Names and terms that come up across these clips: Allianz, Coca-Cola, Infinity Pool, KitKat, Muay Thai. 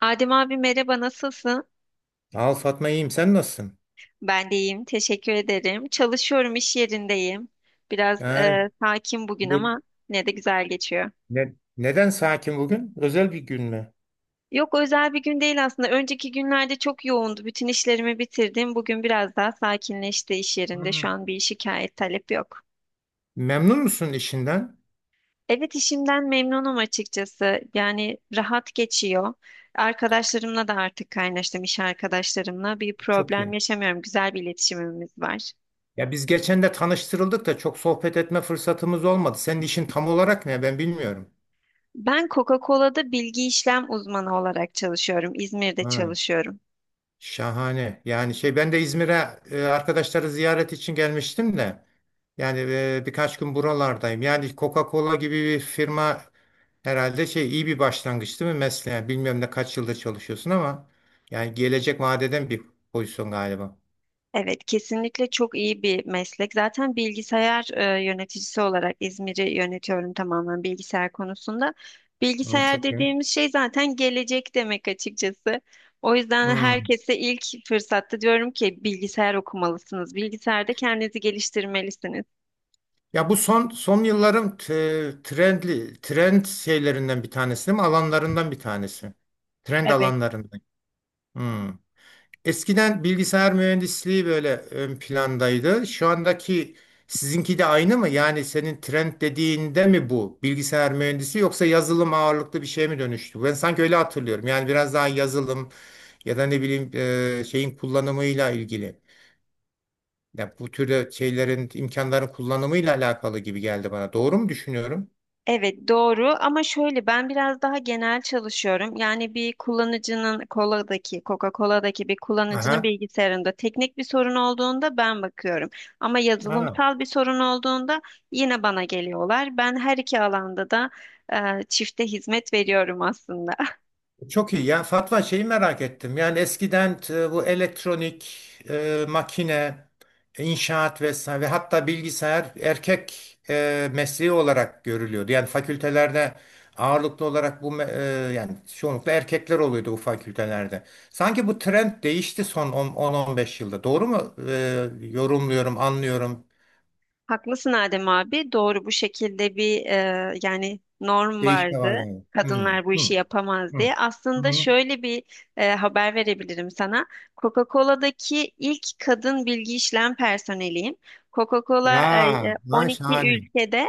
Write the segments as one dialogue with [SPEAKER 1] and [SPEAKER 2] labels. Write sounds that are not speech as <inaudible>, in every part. [SPEAKER 1] Adem abi merhaba nasılsın?
[SPEAKER 2] Al Fatma iyiyim. Sen nasılsın?
[SPEAKER 1] Ben de iyiyim teşekkür ederim. Çalışıyorum, iş yerindeyim. Biraz
[SPEAKER 2] Ha,
[SPEAKER 1] sakin bugün
[SPEAKER 2] buyur.
[SPEAKER 1] ama ne de güzel geçiyor.
[SPEAKER 2] Neden sakin bugün? Özel bir gün mü?
[SPEAKER 1] Yok, özel bir gün değil aslında. Önceki günlerde çok yoğundu. Bütün işlerimi bitirdim. Bugün biraz daha sakinleşti iş yerinde. Şu
[SPEAKER 2] Hı.
[SPEAKER 1] an bir şikayet talep yok.
[SPEAKER 2] Memnun musun işinden?
[SPEAKER 1] Evet, işimden memnunum açıkçası. Yani rahat geçiyor. Arkadaşlarımla da artık kaynaştım, iş arkadaşlarımla. Bir
[SPEAKER 2] Çok
[SPEAKER 1] problem
[SPEAKER 2] iyi.
[SPEAKER 1] yaşamıyorum. Güzel bir iletişimimiz var.
[SPEAKER 2] Ya biz geçen de tanıştırıldık da çok sohbet etme fırsatımız olmadı. Senin işin tam olarak ne? Ben bilmiyorum.
[SPEAKER 1] Ben Coca-Cola'da bilgi işlem uzmanı olarak çalışıyorum. İzmir'de
[SPEAKER 2] Ha.
[SPEAKER 1] çalışıyorum.
[SPEAKER 2] Şahane. Yani şey ben de İzmir'e arkadaşları ziyaret için gelmiştim de yani birkaç gün buralardayım. Yani Coca-Cola gibi bir firma herhalde şey iyi bir başlangıç değil mi mesleğe? Yani bilmiyorum ne kaç yıldır çalışıyorsun ama yani gelecek vaat eden bir pozisyon galiba.
[SPEAKER 1] Evet, kesinlikle çok iyi bir meslek. Zaten bilgisayar yöneticisi olarak İzmir'i yönetiyorum, tamamen bilgisayar konusunda.
[SPEAKER 2] Hmm,
[SPEAKER 1] Bilgisayar
[SPEAKER 2] çok iyi.
[SPEAKER 1] dediğimiz şey zaten gelecek demek açıkçası. O yüzden
[SPEAKER 2] Hmm.
[SPEAKER 1] herkese ilk fırsatta diyorum ki bilgisayar okumalısınız. Bilgisayarda kendinizi geliştirmelisiniz.
[SPEAKER 2] Ya bu son yılların trendli trend şeylerinden bir tanesi değil mi? Alanlarından bir tanesi. Trend
[SPEAKER 1] Evet.
[SPEAKER 2] alanlarından. Hmm. Eskiden bilgisayar mühendisliği böyle ön plandaydı. Şu andaki sizinki de aynı mı? Yani senin trend dediğinde mi bu bilgisayar mühendisi yoksa yazılım ağırlıklı bir şeye mi dönüştü? Ben sanki öyle hatırlıyorum. Yani biraz daha yazılım ya da ne bileyim şeyin kullanımıyla ilgili. Ya bu türde şeylerin imkanların kullanımıyla alakalı gibi geldi bana. Doğru mu düşünüyorum?
[SPEAKER 1] Evet doğru, ama şöyle, ben biraz daha genel çalışıyorum. Yani bir kullanıcının koladaki, Coca-Cola'daki bir kullanıcının
[SPEAKER 2] Aha.
[SPEAKER 1] bilgisayarında teknik bir sorun olduğunda ben bakıyorum. Ama
[SPEAKER 2] Ha.
[SPEAKER 1] yazılımsal bir sorun olduğunda yine bana geliyorlar. Ben her iki alanda da e, çifte hizmet veriyorum aslında. <laughs>
[SPEAKER 2] Çok iyi. Ya Fatma şeyi merak ettim. Yani eskiden bu elektronik, makine, inşaat vesaire ve hatta bilgisayar erkek mesleği olarak görülüyordu. Yani fakültelerde ağırlıklı olarak bu yani çoğunlukla erkekler oluyordu bu fakültelerde. Sanki bu trend değişti son 10-15 yılda. Doğru mu? Yorumluyorum, anlıyorum.
[SPEAKER 1] Haklısın Adem abi. Doğru, bu şekilde bir yani norm
[SPEAKER 2] Değişme var
[SPEAKER 1] vardı.
[SPEAKER 2] demek. Hmm,
[SPEAKER 1] Kadınlar bu
[SPEAKER 2] hmm,
[SPEAKER 1] işi yapamaz
[SPEAKER 2] hmm,
[SPEAKER 1] diye. Aslında
[SPEAKER 2] hmm.
[SPEAKER 1] şöyle bir haber verebilirim sana. Coca-Cola'daki ilk kadın bilgi işlem personeliyim.
[SPEAKER 2] Ya,
[SPEAKER 1] Coca-Cola
[SPEAKER 2] ha,
[SPEAKER 1] 12
[SPEAKER 2] şahane.
[SPEAKER 1] ülkede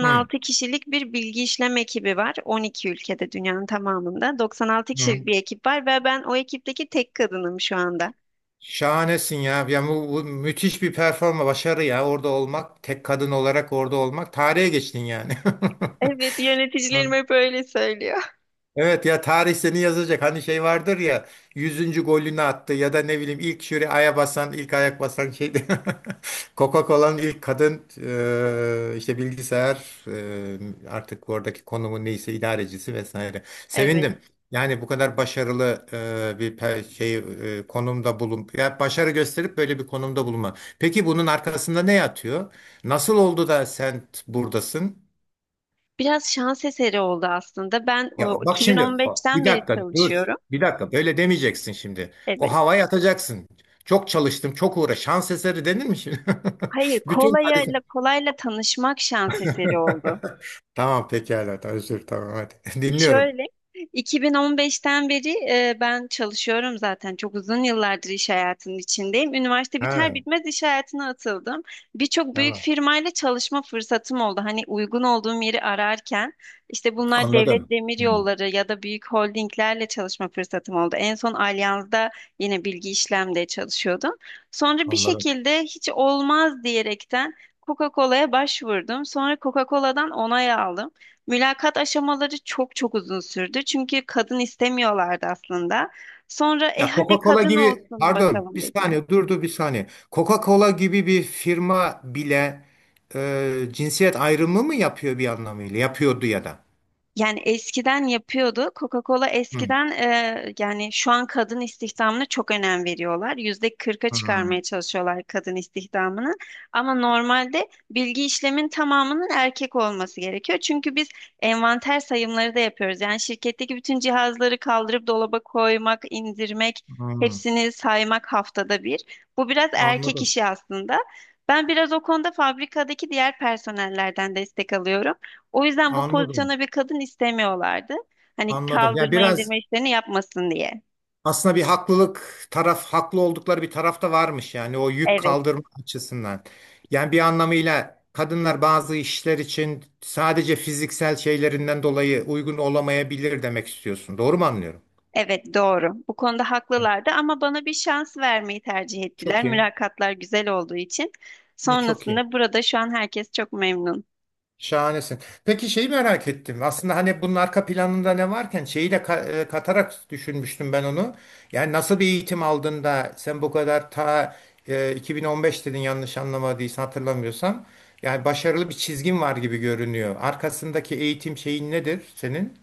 [SPEAKER 2] Hmm,
[SPEAKER 1] kişilik bir bilgi işlem ekibi var. 12 ülkede, dünyanın tamamında 96 kişilik
[SPEAKER 2] hmm.
[SPEAKER 1] bir ekip var ve ben o ekipteki tek kadınım şu anda.
[SPEAKER 2] Şahanesin ya. Yani bu müthiş bir başarı ya. Orada olmak, tek kadın olarak orada olmak. Tarihe geçtin yani.
[SPEAKER 1] Evet, yöneticilerim
[SPEAKER 2] <laughs>
[SPEAKER 1] hep öyle söylüyor.
[SPEAKER 2] Evet ya, tarih seni yazacak. Hani şey vardır ya, yüzüncü golünü attı ya da ne bileyim ilk şuraya aya basan, ilk ayak basan şeydi. <laughs> Coca-Cola'nın ilk kadın işte bilgisayar artık oradaki konumu neyse idarecisi vesaire.
[SPEAKER 1] <laughs> Evet.
[SPEAKER 2] Sevindim. Yani bu kadar başarılı bir konumda bulun. Ya başarı gösterip böyle bir konumda bulunma. Peki bunun arkasında ne yatıyor? Nasıl oldu da sen buradasın?
[SPEAKER 1] Biraz şans eseri oldu aslında. Ben
[SPEAKER 2] Ya bak şimdi
[SPEAKER 1] 2015'ten
[SPEAKER 2] bir
[SPEAKER 1] beri
[SPEAKER 2] dakika dur.
[SPEAKER 1] çalışıyorum.
[SPEAKER 2] Bir dakika böyle demeyeceksin şimdi. O
[SPEAKER 1] Evet.
[SPEAKER 2] havaya atacaksın. Çok çalıştım, çok uğra. Şans eseri denir mi şimdi?
[SPEAKER 1] Hayır,
[SPEAKER 2] <laughs> Bütün
[SPEAKER 1] kolayla
[SPEAKER 2] hadise.
[SPEAKER 1] kolayla tanışmak şans eseri oldu.
[SPEAKER 2] <laughs> Tamam pekala. Tamam, özür, tamam hadi. <laughs> Dinliyorum.
[SPEAKER 1] Şöyle, 2015'ten beri ben çalışıyorum zaten. Çok uzun yıllardır iş hayatının içindeyim. Üniversite biter
[SPEAKER 2] Ha,
[SPEAKER 1] bitmez iş hayatına atıldım. Birçok büyük
[SPEAKER 2] tamam.
[SPEAKER 1] firmayla çalışma fırsatım oldu. Hani uygun olduğum yeri ararken, işte bunlar devlet
[SPEAKER 2] Anladım.
[SPEAKER 1] demir
[SPEAKER 2] Hı,
[SPEAKER 1] yolları ya da büyük holdinglerle çalışma fırsatım oldu. En son Allianz'da yine bilgi işlemde çalışıyordum. Sonra bir
[SPEAKER 2] anladım.
[SPEAKER 1] şekilde hiç olmaz diyerekten Coca-Cola'ya başvurdum. Sonra Coca-Cola'dan onay aldım. Mülakat aşamaları çok çok uzun sürdü. Çünkü kadın istemiyorlardı aslında. Sonra
[SPEAKER 2] Ya
[SPEAKER 1] hadi
[SPEAKER 2] Coca-Cola
[SPEAKER 1] kadın
[SPEAKER 2] gibi,
[SPEAKER 1] olsun
[SPEAKER 2] pardon bir
[SPEAKER 1] bakalım dediler.
[SPEAKER 2] saniye, durdu bir saniye. Coca-Cola gibi bir firma bile cinsiyet ayrımı mı yapıyor bir anlamıyla? Yapıyordu ya da.
[SPEAKER 1] Yani eskiden yapıyordu. Coca-Cola
[SPEAKER 2] Hı,
[SPEAKER 1] eskiden, yani şu an kadın istihdamına çok önem veriyorlar. %40'a
[SPEAKER 2] hı,
[SPEAKER 1] çıkarmaya çalışıyorlar kadın istihdamını. Ama normalde bilgi işlemin tamamının erkek olması gerekiyor. Çünkü biz envanter sayımları da yapıyoruz. Yani şirketteki bütün cihazları kaldırıp dolaba koymak, indirmek,
[SPEAKER 2] hı.
[SPEAKER 1] hepsini saymak, haftada bir. Bu biraz erkek
[SPEAKER 2] Anladım.
[SPEAKER 1] işi aslında. Ben biraz o konuda fabrikadaki diğer personellerden destek alıyorum. O yüzden bu
[SPEAKER 2] Anladım.
[SPEAKER 1] pozisyona bir kadın istemiyorlardı. Hani
[SPEAKER 2] Anladım. Ya
[SPEAKER 1] kaldırma
[SPEAKER 2] biraz
[SPEAKER 1] indirme işlerini yapmasın diye.
[SPEAKER 2] aslında bir haklılık taraf haklı oldukları bir taraf da varmış yani o yük
[SPEAKER 1] Evet,
[SPEAKER 2] kaldırma açısından. Yani bir anlamıyla kadınlar bazı işler için sadece fiziksel şeylerinden dolayı uygun olamayabilir demek istiyorsun. Doğru mu anlıyorum?
[SPEAKER 1] evet, doğru. Bu konuda haklılardı ama bana bir şans vermeyi tercih ettiler.
[SPEAKER 2] Çok iyi.
[SPEAKER 1] Mülakatlar güzel olduğu için.
[SPEAKER 2] Çok iyi.
[SPEAKER 1] Sonrasında burada şu an herkes çok memnun.
[SPEAKER 2] Şahanesin. Peki şeyi merak ettim. Aslında hani bunun arka planında ne varken şeyi de katarak düşünmüştüm ben onu. Yani nasıl bir eğitim aldın da sen bu kadar 2015 dedin yanlış anlamadıysam hatırlamıyorsam. Yani başarılı bir çizgin var gibi görünüyor. Arkasındaki eğitim şeyin nedir senin?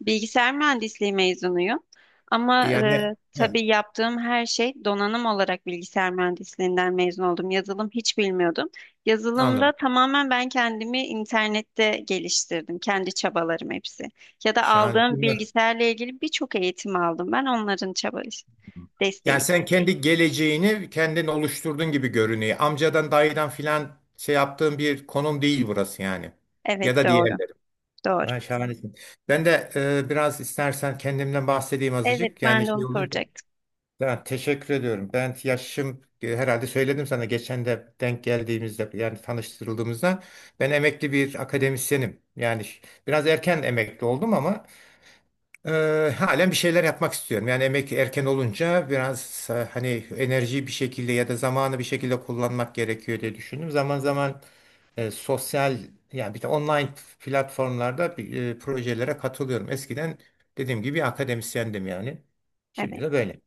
[SPEAKER 1] Bilgisayar mühendisliği mezunuyum. Ama
[SPEAKER 2] E, Yani he,
[SPEAKER 1] tabii yaptığım her şey donanım olarak, bilgisayar mühendisliğinden mezun oldum. Yazılım hiç bilmiyordum. Yazılımda
[SPEAKER 2] anladım.
[SPEAKER 1] tamamen ben kendimi internette geliştirdim. Kendi çabalarım hepsi. Ya da
[SPEAKER 2] Şahane.
[SPEAKER 1] aldığım
[SPEAKER 2] Bunlar-
[SPEAKER 1] bilgisayarla ilgili birçok eğitim aldım. Ben onların çaba
[SPEAKER 2] Yani
[SPEAKER 1] desteği.
[SPEAKER 2] sen kendi geleceğini kendin oluşturdun gibi görünüyor. Amcadan dayıdan filan şey yaptığın bir konum değil burası yani. Ya
[SPEAKER 1] Evet
[SPEAKER 2] da diğer.
[SPEAKER 1] doğru. Doğru.
[SPEAKER 2] Ha, şahanesin. Ben de biraz istersen kendimden bahsedeyim
[SPEAKER 1] Evet,
[SPEAKER 2] azıcık.
[SPEAKER 1] ben
[SPEAKER 2] Yani
[SPEAKER 1] de
[SPEAKER 2] şey
[SPEAKER 1] onu
[SPEAKER 2] olunca.
[SPEAKER 1] soracaktım.
[SPEAKER 2] Ya, teşekkür ediyorum. Ben yaşım herhalde söyledim sana geçen de denk geldiğimizde yani tanıştırıldığımızda ben emekli bir akademisyenim. Yani biraz erken emekli oldum ama halen bir şeyler yapmak istiyorum. Yani emekli erken olunca biraz hani enerjiyi bir şekilde ya da zamanı bir şekilde kullanmak gerekiyor diye düşündüm. Zaman zaman sosyal yani bir de online platformlarda projelere katılıyorum. Eskiden dediğim gibi akademisyendim yani. Şimdi
[SPEAKER 1] Evet.
[SPEAKER 2] de böyle.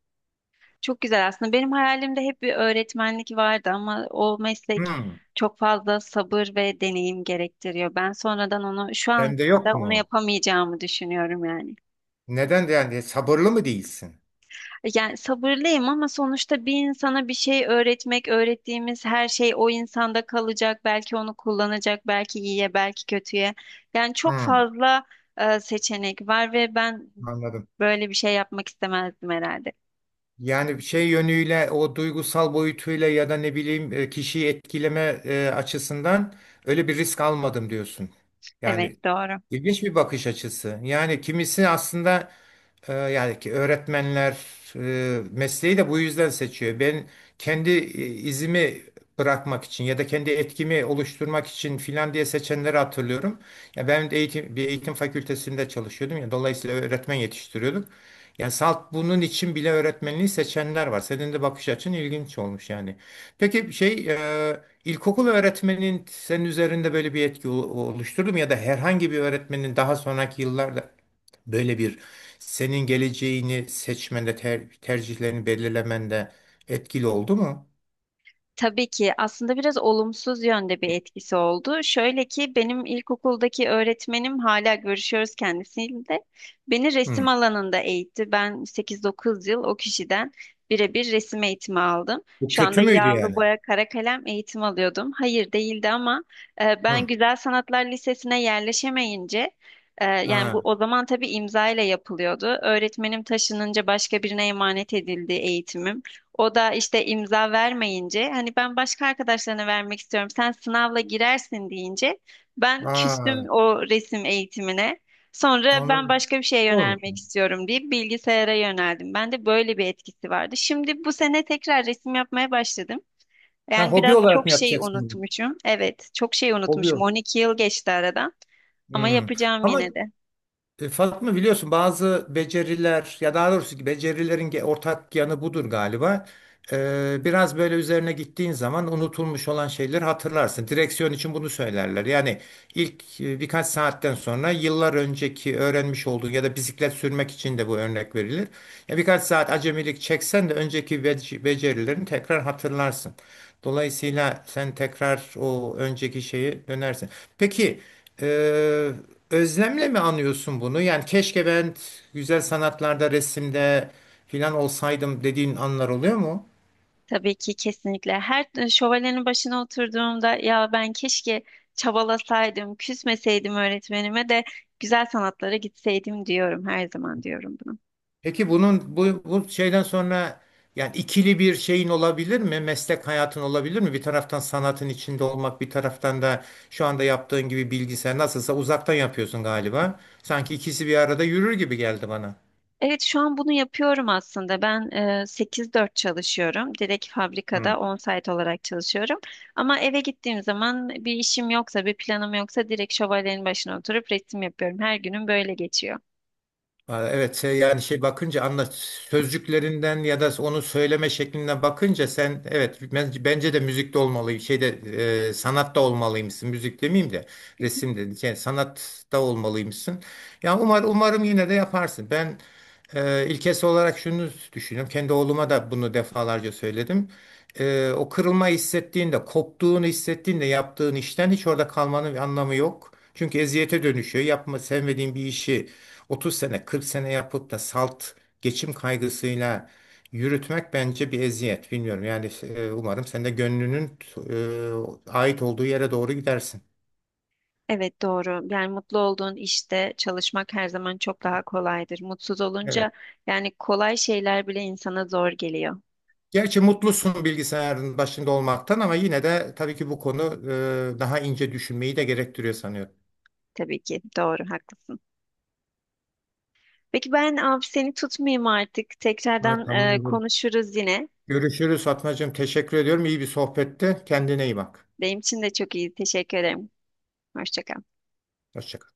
[SPEAKER 1] Çok güzel aslında. Benim hayalimde hep bir öğretmenlik vardı ama o meslek
[SPEAKER 2] Hmm.
[SPEAKER 1] çok fazla sabır ve deneyim gerektiriyor. Ben sonradan onu, şu anda
[SPEAKER 2] Sende yok
[SPEAKER 1] onu
[SPEAKER 2] mu?
[SPEAKER 1] yapamayacağımı düşünüyorum yani.
[SPEAKER 2] Neden de yani sabırlı mı değilsin?
[SPEAKER 1] Yani sabırlıyım ama sonuçta bir insana bir şey öğretmek, öğrettiğimiz her şey o insanda kalacak. Belki onu kullanacak, belki iyiye, belki kötüye. Yani çok
[SPEAKER 2] Hmm,
[SPEAKER 1] fazla seçenek var ve ben
[SPEAKER 2] anladım.
[SPEAKER 1] böyle bir şey yapmak istemezdim herhalde.
[SPEAKER 2] Yani şey yönüyle o duygusal boyutuyla ya da ne bileyim kişiyi etkileme açısından öyle bir risk almadım diyorsun. Yani
[SPEAKER 1] Evet, doğru.
[SPEAKER 2] ilginç bir bakış açısı. Yani kimisi aslında yani ki öğretmenler mesleği de bu yüzden seçiyor. Ben kendi izimi bırakmak için ya da kendi etkimi oluşturmak için filan diye seçenleri hatırlıyorum. Ya ben de eğitim bir eğitim fakültesinde çalışıyordum ya dolayısıyla öğretmen yetiştiriyorduk. Yani salt bunun için bile öğretmenliği seçenler var. Senin de bakış açın ilginç olmuş yani. Peki şey ilkokul öğretmenin senin üzerinde böyle bir etki oluşturdu mu ya da herhangi bir öğretmenin daha sonraki yıllarda böyle bir senin geleceğini seçmende, tercihlerini belirlemende etkili oldu mu?
[SPEAKER 1] Tabii ki aslında biraz olumsuz yönde bir etkisi oldu. Şöyle ki benim ilkokuldaki öğretmenim, hala görüşüyoruz kendisiyle. Beni
[SPEAKER 2] Hı.
[SPEAKER 1] resim alanında eğitti. Ben 8-9 yıl o kişiden birebir resim eğitimi aldım.
[SPEAKER 2] Bu
[SPEAKER 1] Şu
[SPEAKER 2] kötü
[SPEAKER 1] anda
[SPEAKER 2] müydü
[SPEAKER 1] yağlı
[SPEAKER 2] yani?
[SPEAKER 1] boya, kara kalem eğitim alıyordum. Hayır değildi ama ben
[SPEAKER 2] Hı.
[SPEAKER 1] Güzel Sanatlar Lisesi'ne yerleşemeyince, yani bu
[SPEAKER 2] Ha.
[SPEAKER 1] o zaman tabii imza ile yapılıyordu. Öğretmenim taşınınca başka birine emanet edildi eğitimim. O da işte imza vermeyince, hani ben başka arkadaşlarına vermek istiyorum, sen sınavla girersin deyince ben küstüm
[SPEAKER 2] Aa,
[SPEAKER 1] o resim eğitimine. Sonra ben
[SPEAKER 2] anladım.
[SPEAKER 1] başka bir şeye
[SPEAKER 2] Olmuş.
[SPEAKER 1] yönelmek istiyorum deyip bilgisayara yöneldim. Ben de böyle bir etkisi vardı. Şimdi bu sene tekrar resim yapmaya başladım.
[SPEAKER 2] Ha,
[SPEAKER 1] Yani
[SPEAKER 2] hobi
[SPEAKER 1] biraz
[SPEAKER 2] olarak
[SPEAKER 1] çok
[SPEAKER 2] mı
[SPEAKER 1] şey
[SPEAKER 2] yapacaksın bunu?
[SPEAKER 1] unutmuşum. Evet, çok şey
[SPEAKER 2] Hobi.
[SPEAKER 1] unutmuşum.
[SPEAKER 2] ol-
[SPEAKER 1] 12 yıl geçti aradan ama
[SPEAKER 2] Hmm.
[SPEAKER 1] yapacağım
[SPEAKER 2] Ama
[SPEAKER 1] yine de.
[SPEAKER 2] Fatma biliyorsun bazı beceriler ya daha doğrusu ki becerilerin ortak yanı budur galiba. Biraz böyle üzerine gittiğin zaman unutulmuş olan şeyleri hatırlarsın. Direksiyon için bunu söylerler. Yani İlk birkaç saatten sonra yıllar önceki öğrenmiş olduğun ya da bisiklet sürmek için de bu örnek verilir. Ya birkaç saat acemilik çeksen de önceki becerilerini tekrar hatırlarsın. Dolayısıyla sen tekrar o önceki şeyi dönersin. Peki e, özlemle mi anıyorsun bunu? Yani keşke ben güzel sanatlarda, resimde filan olsaydım dediğin anlar oluyor mu?
[SPEAKER 1] Tabii ki, kesinlikle. Her şövalyenin başına oturduğumda ya ben keşke çabalasaydım, küsmeseydim öğretmenime de güzel sanatlara gitseydim diyorum. Her zaman diyorum bunu.
[SPEAKER 2] Peki bunun bu şeyden sonra yani ikili bir şeyin olabilir mi? Meslek hayatın olabilir mi? Bir taraftan sanatın içinde olmak, bir taraftan da şu anda yaptığın gibi bilgisayar nasılsa uzaktan yapıyorsun galiba. Sanki ikisi bir arada yürür gibi geldi bana.
[SPEAKER 1] Evet, şu an bunu yapıyorum aslında. Ben 8-4 çalışıyorum. Direkt fabrikada on-site olarak çalışıyorum. Ama eve gittiğim zaman bir işim yoksa, bir planım yoksa direkt şövalyenin başına oturup resim yapıyorum. Her günüm böyle geçiyor.
[SPEAKER 2] Aa, evet şey, yani şey bakınca anla sözcüklerinden ya da onu söyleme şeklinden bakınca sen evet bence de müzikte olmalıyım şeyde sanatta olmalıymışsın, müzik demeyeyim de resim dedim, yani sanatta olmalıymışsın. Yani umarım yine de yaparsın. Ben ilkesi olarak şunu düşünüyorum, kendi oğluma da bunu defalarca söyledim. O kırılma hissettiğinde koptuğunu hissettiğinde yaptığın işten hiç orada kalmanın bir anlamı yok. Çünkü eziyete dönüşüyor. Yapma sevmediğin bir işi 30 sene 40 sene yapıp da salt geçim kaygısıyla yürütmek bence bir eziyet. Bilmiyorum yani umarım sen de gönlünün ait olduğu yere doğru gidersin.
[SPEAKER 1] Evet doğru. Yani mutlu olduğun işte çalışmak her zaman çok daha kolaydır. Mutsuz olunca
[SPEAKER 2] Evet.
[SPEAKER 1] yani kolay şeyler bile insana zor geliyor.
[SPEAKER 2] Gerçi mutlusun bilgisayarın başında olmaktan ama yine de tabii ki bu konu daha ince düşünmeyi de gerektiriyor sanıyorum.
[SPEAKER 1] Tabii ki doğru, haklısın. Peki ben abi seni tutmayayım artık.
[SPEAKER 2] Ha,
[SPEAKER 1] Tekrardan
[SPEAKER 2] tamamdır.
[SPEAKER 1] konuşuruz yine.
[SPEAKER 2] Görüşürüz Fatmacığım. Teşekkür ediyorum. İyi bir sohbetti. Kendine iyi bak.
[SPEAKER 1] Benim için de çok iyi. Teşekkür ederim. Hoşça kal.
[SPEAKER 2] Hoşça kal.